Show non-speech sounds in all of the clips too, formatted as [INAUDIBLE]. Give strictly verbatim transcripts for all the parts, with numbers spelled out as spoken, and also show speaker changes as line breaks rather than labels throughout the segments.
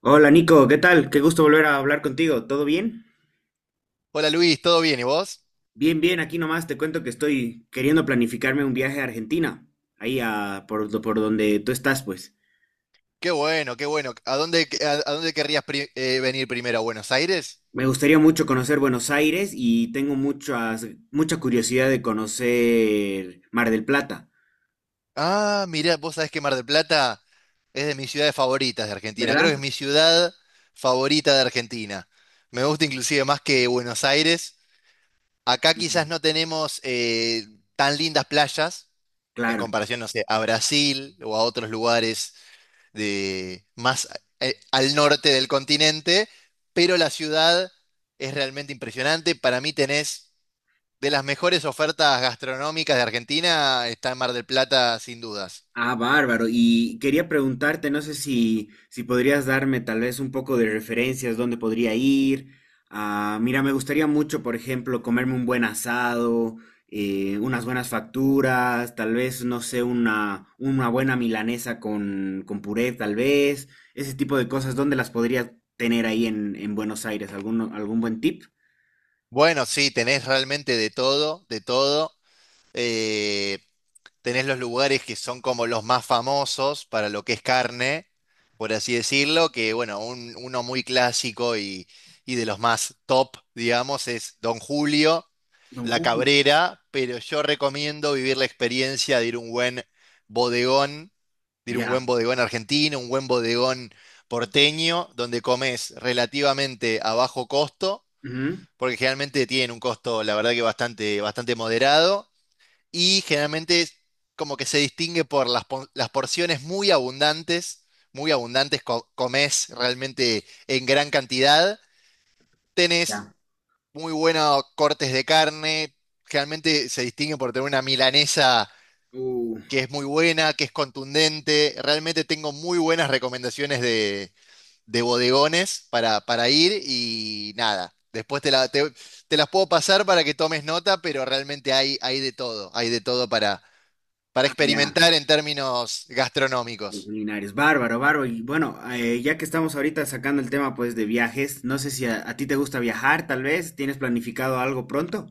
Hola, Nico, ¿qué tal? Qué gusto volver a hablar contigo. ¿Todo bien?
Hola Luis, ¿todo bien? ¿Y vos?
Bien, bien, aquí nomás te cuento que estoy queriendo planificarme un viaje a Argentina, ahí a, por, do- por donde tú estás, pues.
Qué bueno, qué bueno. ¿A dónde, a, a dónde querrías pri- eh, venir primero? ¿A Buenos Aires?
Me gustaría mucho conocer Buenos Aires y tengo muchas, mucha curiosidad de conocer Mar del Plata,
Ah, mirá, vos sabés que Mar del Plata es de mis ciudades favoritas de Argentina. Creo que es
¿verdad?
mi ciudad favorita de Argentina. Me gusta inclusive más que Buenos Aires. Acá quizás no tenemos eh, tan lindas playas en
Claro.
comparación, no sé, a Brasil o a otros lugares de más eh, al norte del continente, pero la ciudad es realmente impresionante. Para mí tenés de las mejores ofertas gastronómicas de Argentina, está en Mar del Plata sin dudas.
Ah, bárbaro. Y quería preguntarte, no sé si, si podrías darme tal vez un poco de referencias, dónde podría ir. Ah, mira, me gustaría mucho, por ejemplo, comerme un buen asado, eh, unas buenas facturas, tal vez, no sé, una, una buena milanesa con, con puré, tal vez. Ese tipo de cosas, ¿dónde las podría tener ahí en, en Buenos Aires? ¿Algún, algún buen tip?
Bueno, sí, tenés realmente de todo, de todo. Eh, Tenés los lugares que son como los más famosos para lo que es carne, por así decirlo, que bueno, un- uno muy clásico y, y de los más top, digamos, es Don Julio,
Don
La
Julio.
Cabrera, pero yo recomiendo vivir la experiencia de ir a un buen bodegón, de ir a un buen
Ya.
bodegón argentino, un buen bodegón porteño, donde comes relativamente a bajo costo,
Ujú.
porque generalmente tienen un costo, la verdad que bastante, bastante moderado y generalmente es como que se distingue por las, po- las porciones muy abundantes, muy abundantes, co- comés realmente en gran cantidad, tenés
Ya.
muy buenos cortes de carne, generalmente se distingue por tener una milanesa
Uh,
que es muy buena, que es contundente, realmente tengo muy buenas recomendaciones de, de bodegones para, para ir y nada. Después te, la- te- te las puedo pasar para que tomes nota, pero realmente hay, hay de todo, hay de todo para
ah, ya.
experimentar en términos
Los
gastronómicos.
culinarios, bárbaro, bárbaro. Y bueno, eh, ya que estamos ahorita sacando el tema pues de viajes, no sé si a, a ti te gusta viajar, tal vez tienes planificado algo pronto,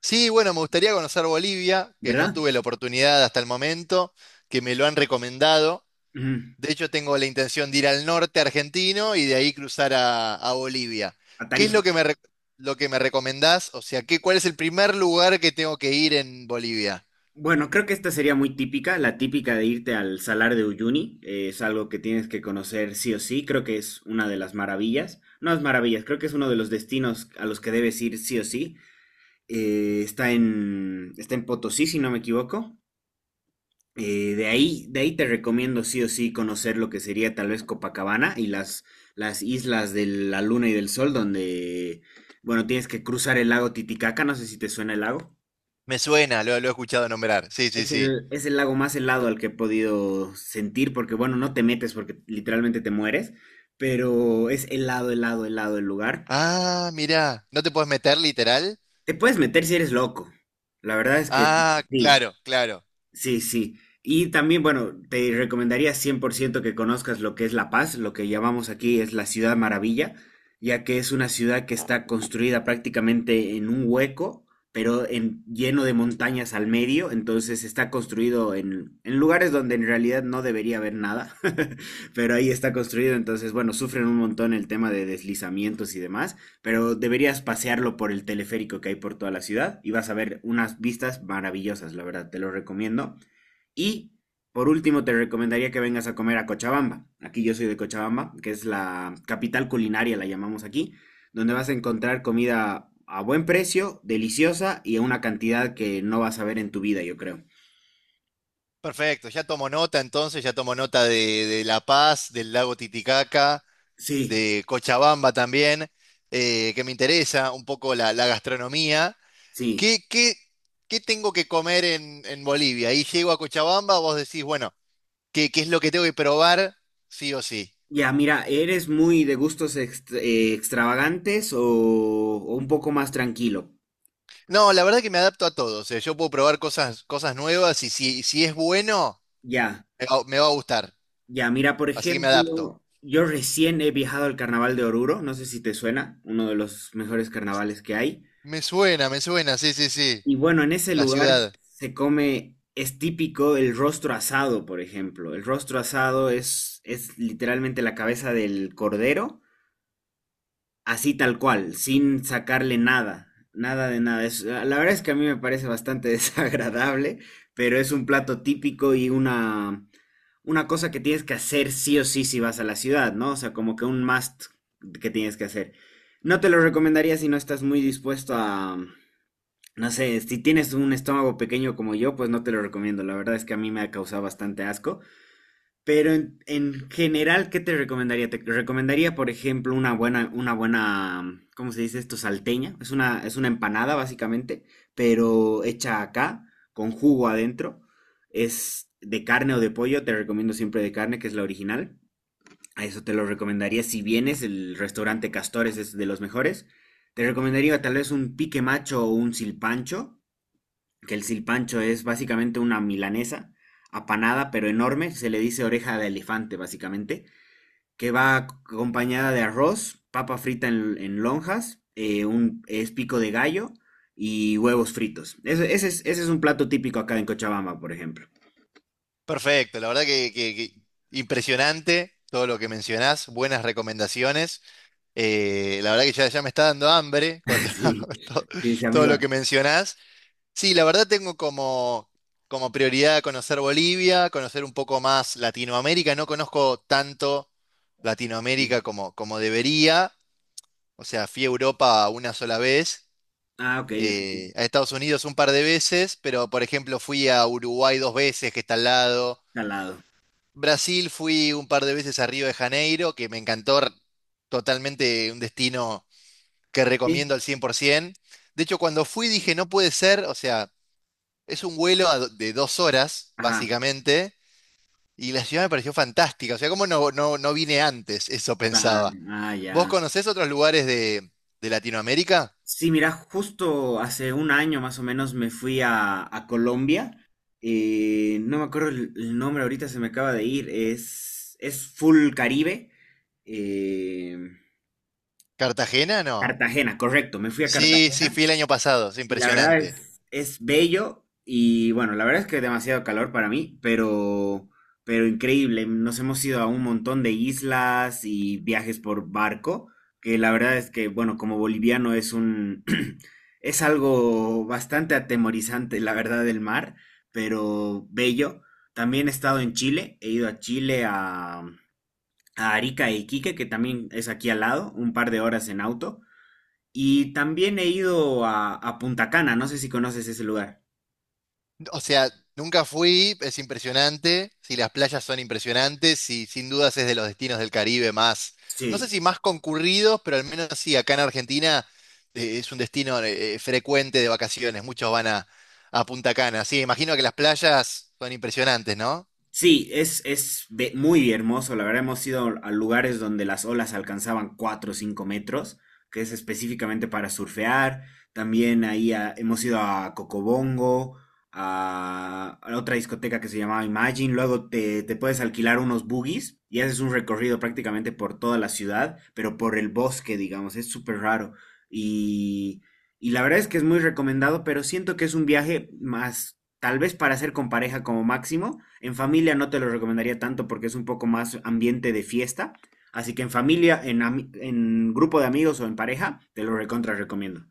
Sí, bueno, me gustaría conocer Bolivia, que no
¿verdad?
tuve la oportunidad hasta el momento, que me lo han recomendado.
Ujú.
De hecho, tengo la intención de ir al norte argentino y de ahí cruzar a, a Bolivia.
A
¿Qué es
Tarija.
lo que me, re- lo que me recomendás? O sea, ¿qué, cuál es el primer lugar que tengo que ir en Bolivia?
Bueno, creo que esta sería muy típica, la típica de irte al Salar de Uyuni. Eh, es algo que tienes que conocer sí o sí, creo que es una de las maravillas, no es maravillas, creo que es uno de los destinos a los que debes ir sí o sí. Eh, está en, está en Potosí, si no me equivoco. Eh, de ahí, de ahí te recomiendo sí o sí conocer lo que sería tal vez Copacabana y las, las islas de la Luna y del Sol, donde, bueno, tienes que cruzar el lago Titicaca, no sé si te suena el lago.
Me suena, lo, lo he escuchado nombrar. Sí, sí,
Es
sí.
el, es el lago más helado al que he podido sentir, porque bueno, no te metes porque literalmente te mueres, pero es helado, helado, helado el lugar.
Ah, mirá, ¿no te puedes meter literal?
Te puedes meter si eres loco. La verdad es que
Ah,
sí.
claro, claro.
Sí, sí. Y también, bueno, te recomendaría cien por ciento que conozcas lo que es La Paz, lo que llamamos aquí es la Ciudad Maravilla, ya que es una ciudad que está construida prácticamente en un hueco, pero en, lleno de montañas al medio, entonces está construido en, en lugares donde en realidad no debería haber nada, [LAUGHS] pero ahí está construido, entonces, bueno, sufren un montón el tema de deslizamientos y demás, pero deberías pasearlo por el teleférico que hay por toda la ciudad y vas a ver unas vistas maravillosas, la verdad, te lo recomiendo. Y por último, te recomendaría que vengas a comer a Cochabamba. Aquí yo soy de Cochabamba, que es la capital culinaria, la llamamos aquí, donde vas a encontrar comida a buen precio, deliciosa y a una cantidad que no vas a ver en tu vida, yo creo.
Perfecto, ya tomo nota entonces, ya tomo nota de, de La Paz, del lago Titicaca,
Sí,
de Cochabamba también, eh, que me interesa un poco la, la gastronomía.
sí.
¿Qué, qué, qué tengo que comer en, en Bolivia? Ahí llego a Cochabamba, vos decís, bueno, ¿qué, qué es lo que tengo que probar sí o sí?
Ya, mira, ¿eres muy de gustos ext- eh, extravagantes o, o un poco más tranquilo?
No, la verdad que me adapto a todo, o sea, yo puedo probar cosas, cosas nuevas y si, si es bueno,
Ya.
me va, me va a gustar,
Ya, mira, por
así que me adapto.
ejemplo, yo recién he viajado al Carnaval de Oruro, no sé si te suena, uno de los mejores carnavales que hay.
Me suena, me suena, sí, sí, sí,
Y bueno, en ese
la
lugar
ciudad.
se come, es típico el rostro asado, por ejemplo. El rostro asado es, es literalmente la cabeza del cordero, así tal cual, sin sacarle nada, nada de nada. Es- ah, la verdad es que a mí me parece bastante [LAUGHS] desagradable, pero es un plato típico y una una cosa que tienes que hacer sí o sí si vas a la ciudad, ¿no? O sea, como que un must que tienes que hacer. No te lo recomendaría si no estás muy dispuesto a, no sé, si tienes un estómago pequeño como yo, pues no te lo recomiendo. La verdad es que a mí me ha causado bastante asco. Pero en, en general, ¿qué te recomendaría? Te recomendaría, por ejemplo, una buena, una buena, mm, ¿cómo se dice esto? Salteña. Es una, es una empanada, básicamente, pero hecha acá, con jugo adentro. Es de carne o de pollo, te recomiendo siempre de carne, que es la original. A eso te lo recomendaría si vienes, el restaurante Castores es de los mejores. Te recomendaría tal vez un pique macho o un silpancho, que el silpancho es básicamente una milanesa apanada pero enorme, se le dice oreja de elefante básicamente, que va acompañada de arroz, papa frita en, en lonjas, eh, un espico de gallo y huevos fritos. Ese, ese es, ese es un plato típico acá en Cochabamba, por ejemplo. [LAUGHS]
Perfecto, la verdad que, que- que impresionante todo lo que mencionás, buenas recomendaciones. Eh, la verdad que ya, ya me está dando hambre con
Sí,
[LAUGHS] to-
sí, sí,
todo
amigo.
lo que mencionás. Sí, la verdad tengo como, como prioridad conocer Bolivia, conocer un poco más Latinoamérica. No conozco tanto Latinoamérica como, como debería. O sea, fui a Europa una sola vez,
Ah, ok, ok.
eh, a Estados Unidos un par de veces, pero por ejemplo fui a Uruguay dos veces, que está al lado.
Salado.
Brasil fui un par de veces a Río de Janeiro, que me encantó r- totalmente, un destino que
Sí.
recomiendo al cien por ciento. De hecho, cuando fui dije, no puede ser, o sea, es un vuelo a do- de dos horas,
Ajá.
básicamente, y la ciudad me pareció fantástica, o sea, ¿cómo no, no, no vine antes? Eso
Ah,
pensaba.
ah,
¿Vos
ya.
conocés otros lugares de, de Latinoamérica?
Sí, mira, justo hace un año más o menos me fui a, a Colombia. Eh, no me acuerdo el, el nombre, ahorita se me acaba de ir. Es, es Full Caribe. Eh,
¿Cartagena? No.
Cartagena, correcto. Me fui a
Sí, sí, fui
Cartagena.
el año pasado, es
Y la verdad
impresionante.
es, es bello y bueno, la verdad es que demasiado calor para mí, pero, pero increíble. Nos hemos ido a un montón de islas y viajes por barco, que la verdad es que, bueno, como boliviano es un, [CLEARS THROAT] es algo bastante atemorizante, la verdad, del mar, pero bello. También he estado en Chile, he ido a Chile a, a Arica e Iquique, que también es aquí al lado, un par de horas en auto. Y también he ido a, a Punta Cana, no sé si conoces ese lugar.
O sea, nunca fui, es impresionante. Si las playas son impresionantes, y sin dudas es de los destinos del Caribe más, no sé
Sí.
si más concurridos, pero al menos sí, acá en Argentina eh, es un destino eh, frecuente de vacaciones. Muchos van a, a Punta Cana. Sí, imagino que las playas son impresionantes, ¿no?
Sí, es, es be- muy hermoso. La verdad, hemos ido a lugares donde las olas alcanzaban cuatro o cinco metros, que es específicamente para surfear. También ahí a- hemos ido a Cocobongo, a, a otra discoteca que se llamaba Imagine. Luego te, te puedes alquilar unos buggies y haces un recorrido prácticamente por toda la ciudad, pero por el bosque, digamos. Es súper raro. Y, y la verdad es que es muy recomendado, pero siento que es un viaje más tal vez para hacer con pareja como máximo. En familia no te lo recomendaría tanto porque es un poco más ambiente de fiesta. Así que en familia, en, ami- en grupo de amigos o en pareja, te lo recontra recomiendo.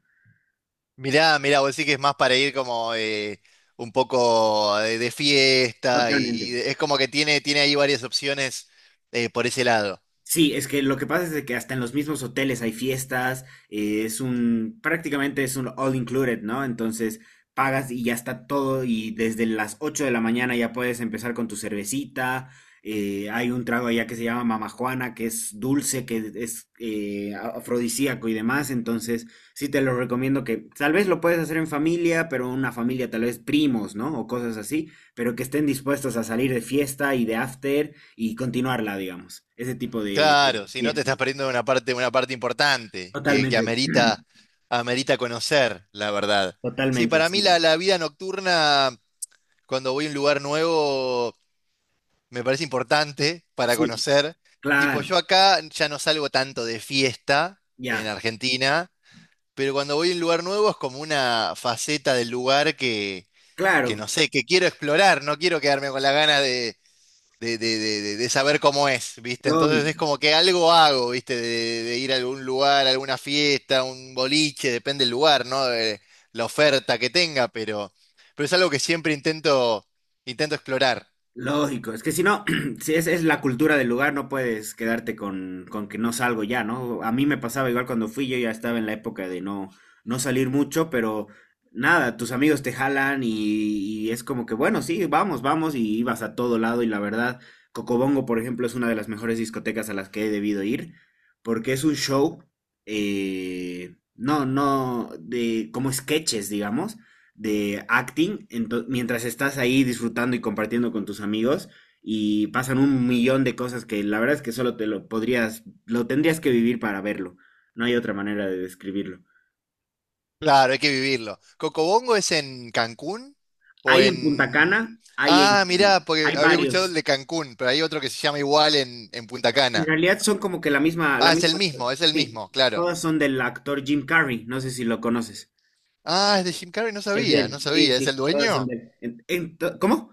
Mirá, mirá, vos decís que es más para ir como eh, un poco de, de fiesta y, y
Totalmente.
es como que tiene, tiene ahí varias opciones eh, por ese lado.
Sí, es que lo que pasa es de que hasta en los mismos hoteles hay fiestas, eh, es un, prácticamente es un all included, ¿no? Entonces pagas y ya está todo y desde las ocho de la mañana ya puedes empezar con tu cervecita, eh, hay un trago allá que se llama Mama Juana, que es dulce, que es eh, a- afrodisíaco y demás, entonces sí te lo recomiendo que tal vez lo puedes hacer en familia, pero una familia tal vez primos, ¿no? O cosas así, pero que estén dispuestos a salir de fiesta y de after y continuarla, digamos. Ese tipo de,
Claro,
de
si no te estás
fiestas.
perdiendo una parte, una parte importante que, que
Totalmente, [CLEARS THROAT]
amerita, amerita conocer, la verdad. Sí,
totalmente,
para mí
sí.
la, la vida nocturna, cuando voy a un lugar nuevo, me parece importante para
Sí,
conocer. Tipo, yo
claro,
acá ya no salgo tanto de fiesta
ya,
en Argentina, pero cuando voy a un lugar nuevo es como una faceta del lugar que, que
claro,
no sé, que quiero explorar, no quiero quedarme con la gana de de, de- de- de- de saber cómo es, ¿viste? Entonces es
lógico.
como que algo hago, ¿viste? De, de ir a algún lugar, a alguna fiesta, un boliche, depende del lugar, ¿no? De la oferta que tenga, pero, pero es algo que siempre intento, intento explorar.
Lógico, es que si no, [CLEARS THROAT] si es, es la cultura del lugar, no puedes quedarte con, con que no salgo ya, ¿no? A mí me pasaba igual cuando fui, yo ya estaba en la época de no, no salir mucho, pero nada, tus amigos te jalan y, y es como que, bueno, sí, vamos, vamos, y ibas a todo lado, y la verdad, Cocobongo, por ejemplo, es una de las mejores discotecas a las que he debido ir, porque es un show, eh, no, no, de, como sketches, digamos, de acting, ento- mientras estás ahí disfrutando y compartiendo con tus amigos y pasan un millón de cosas que la verdad es que solo te lo podrías, lo tendrías que vivir para verlo. No hay otra manera de describirlo.
Claro, hay que vivirlo. ¿Cocobongo es en Cancún o
Hay en Punta
en...
Cana, hay
Ah, mirá,
en,
porque
hay
había escuchado el
varios.
de Cancún, pero hay otro que se llama igual en, en Punta
En
Cana.
realidad son como que la misma, la
Ah, es el
misma,
mismo, es el
sí,
mismo, claro.
todas son del actor Jim Carrey, no sé si lo conoces.
Ah, es de Jim Carrey, no
Es de
sabía, no
él, sí,
sabía. ¿Es
sí,
el
todas son
dueño?
de él. En- en to- ¿cómo?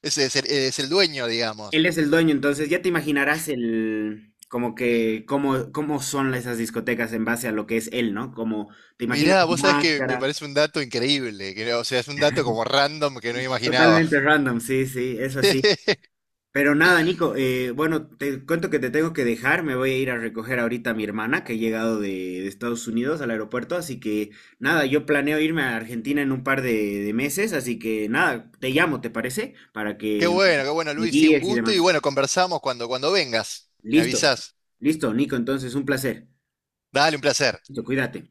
Ese es el, es el dueño,
Él
digamos.
es el dueño, entonces ya te imaginarás el, como que, cómo, cómo son esas discotecas en base a lo que es él, ¿no? Como te imaginas
Mirá,
la
vos sabés que me
máscara,
parece un dato increíble, que, no- o sea, es un dato como random que no imaginaba.
totalmente random, sí, sí, es así.
[LAUGHS]
Pero nada, Nico, eh, bueno, te cuento que te tengo que dejar, me voy a ir a recoger ahorita a mi hermana que ha llegado de, de Estados Unidos al aeropuerto, así que nada, yo planeo irme a Argentina en un par de, de meses, así que nada, te llamo, ¿te parece? Para
Qué
que
bueno, qué bueno,
me
Luis, sí, un
guíes y
gusto y
demás.
bueno, conversamos cuando, cuando vengas. Me
Listo,
avisás.
listo, Nico, entonces un placer.
Dale, un placer.
Listo, cuídate.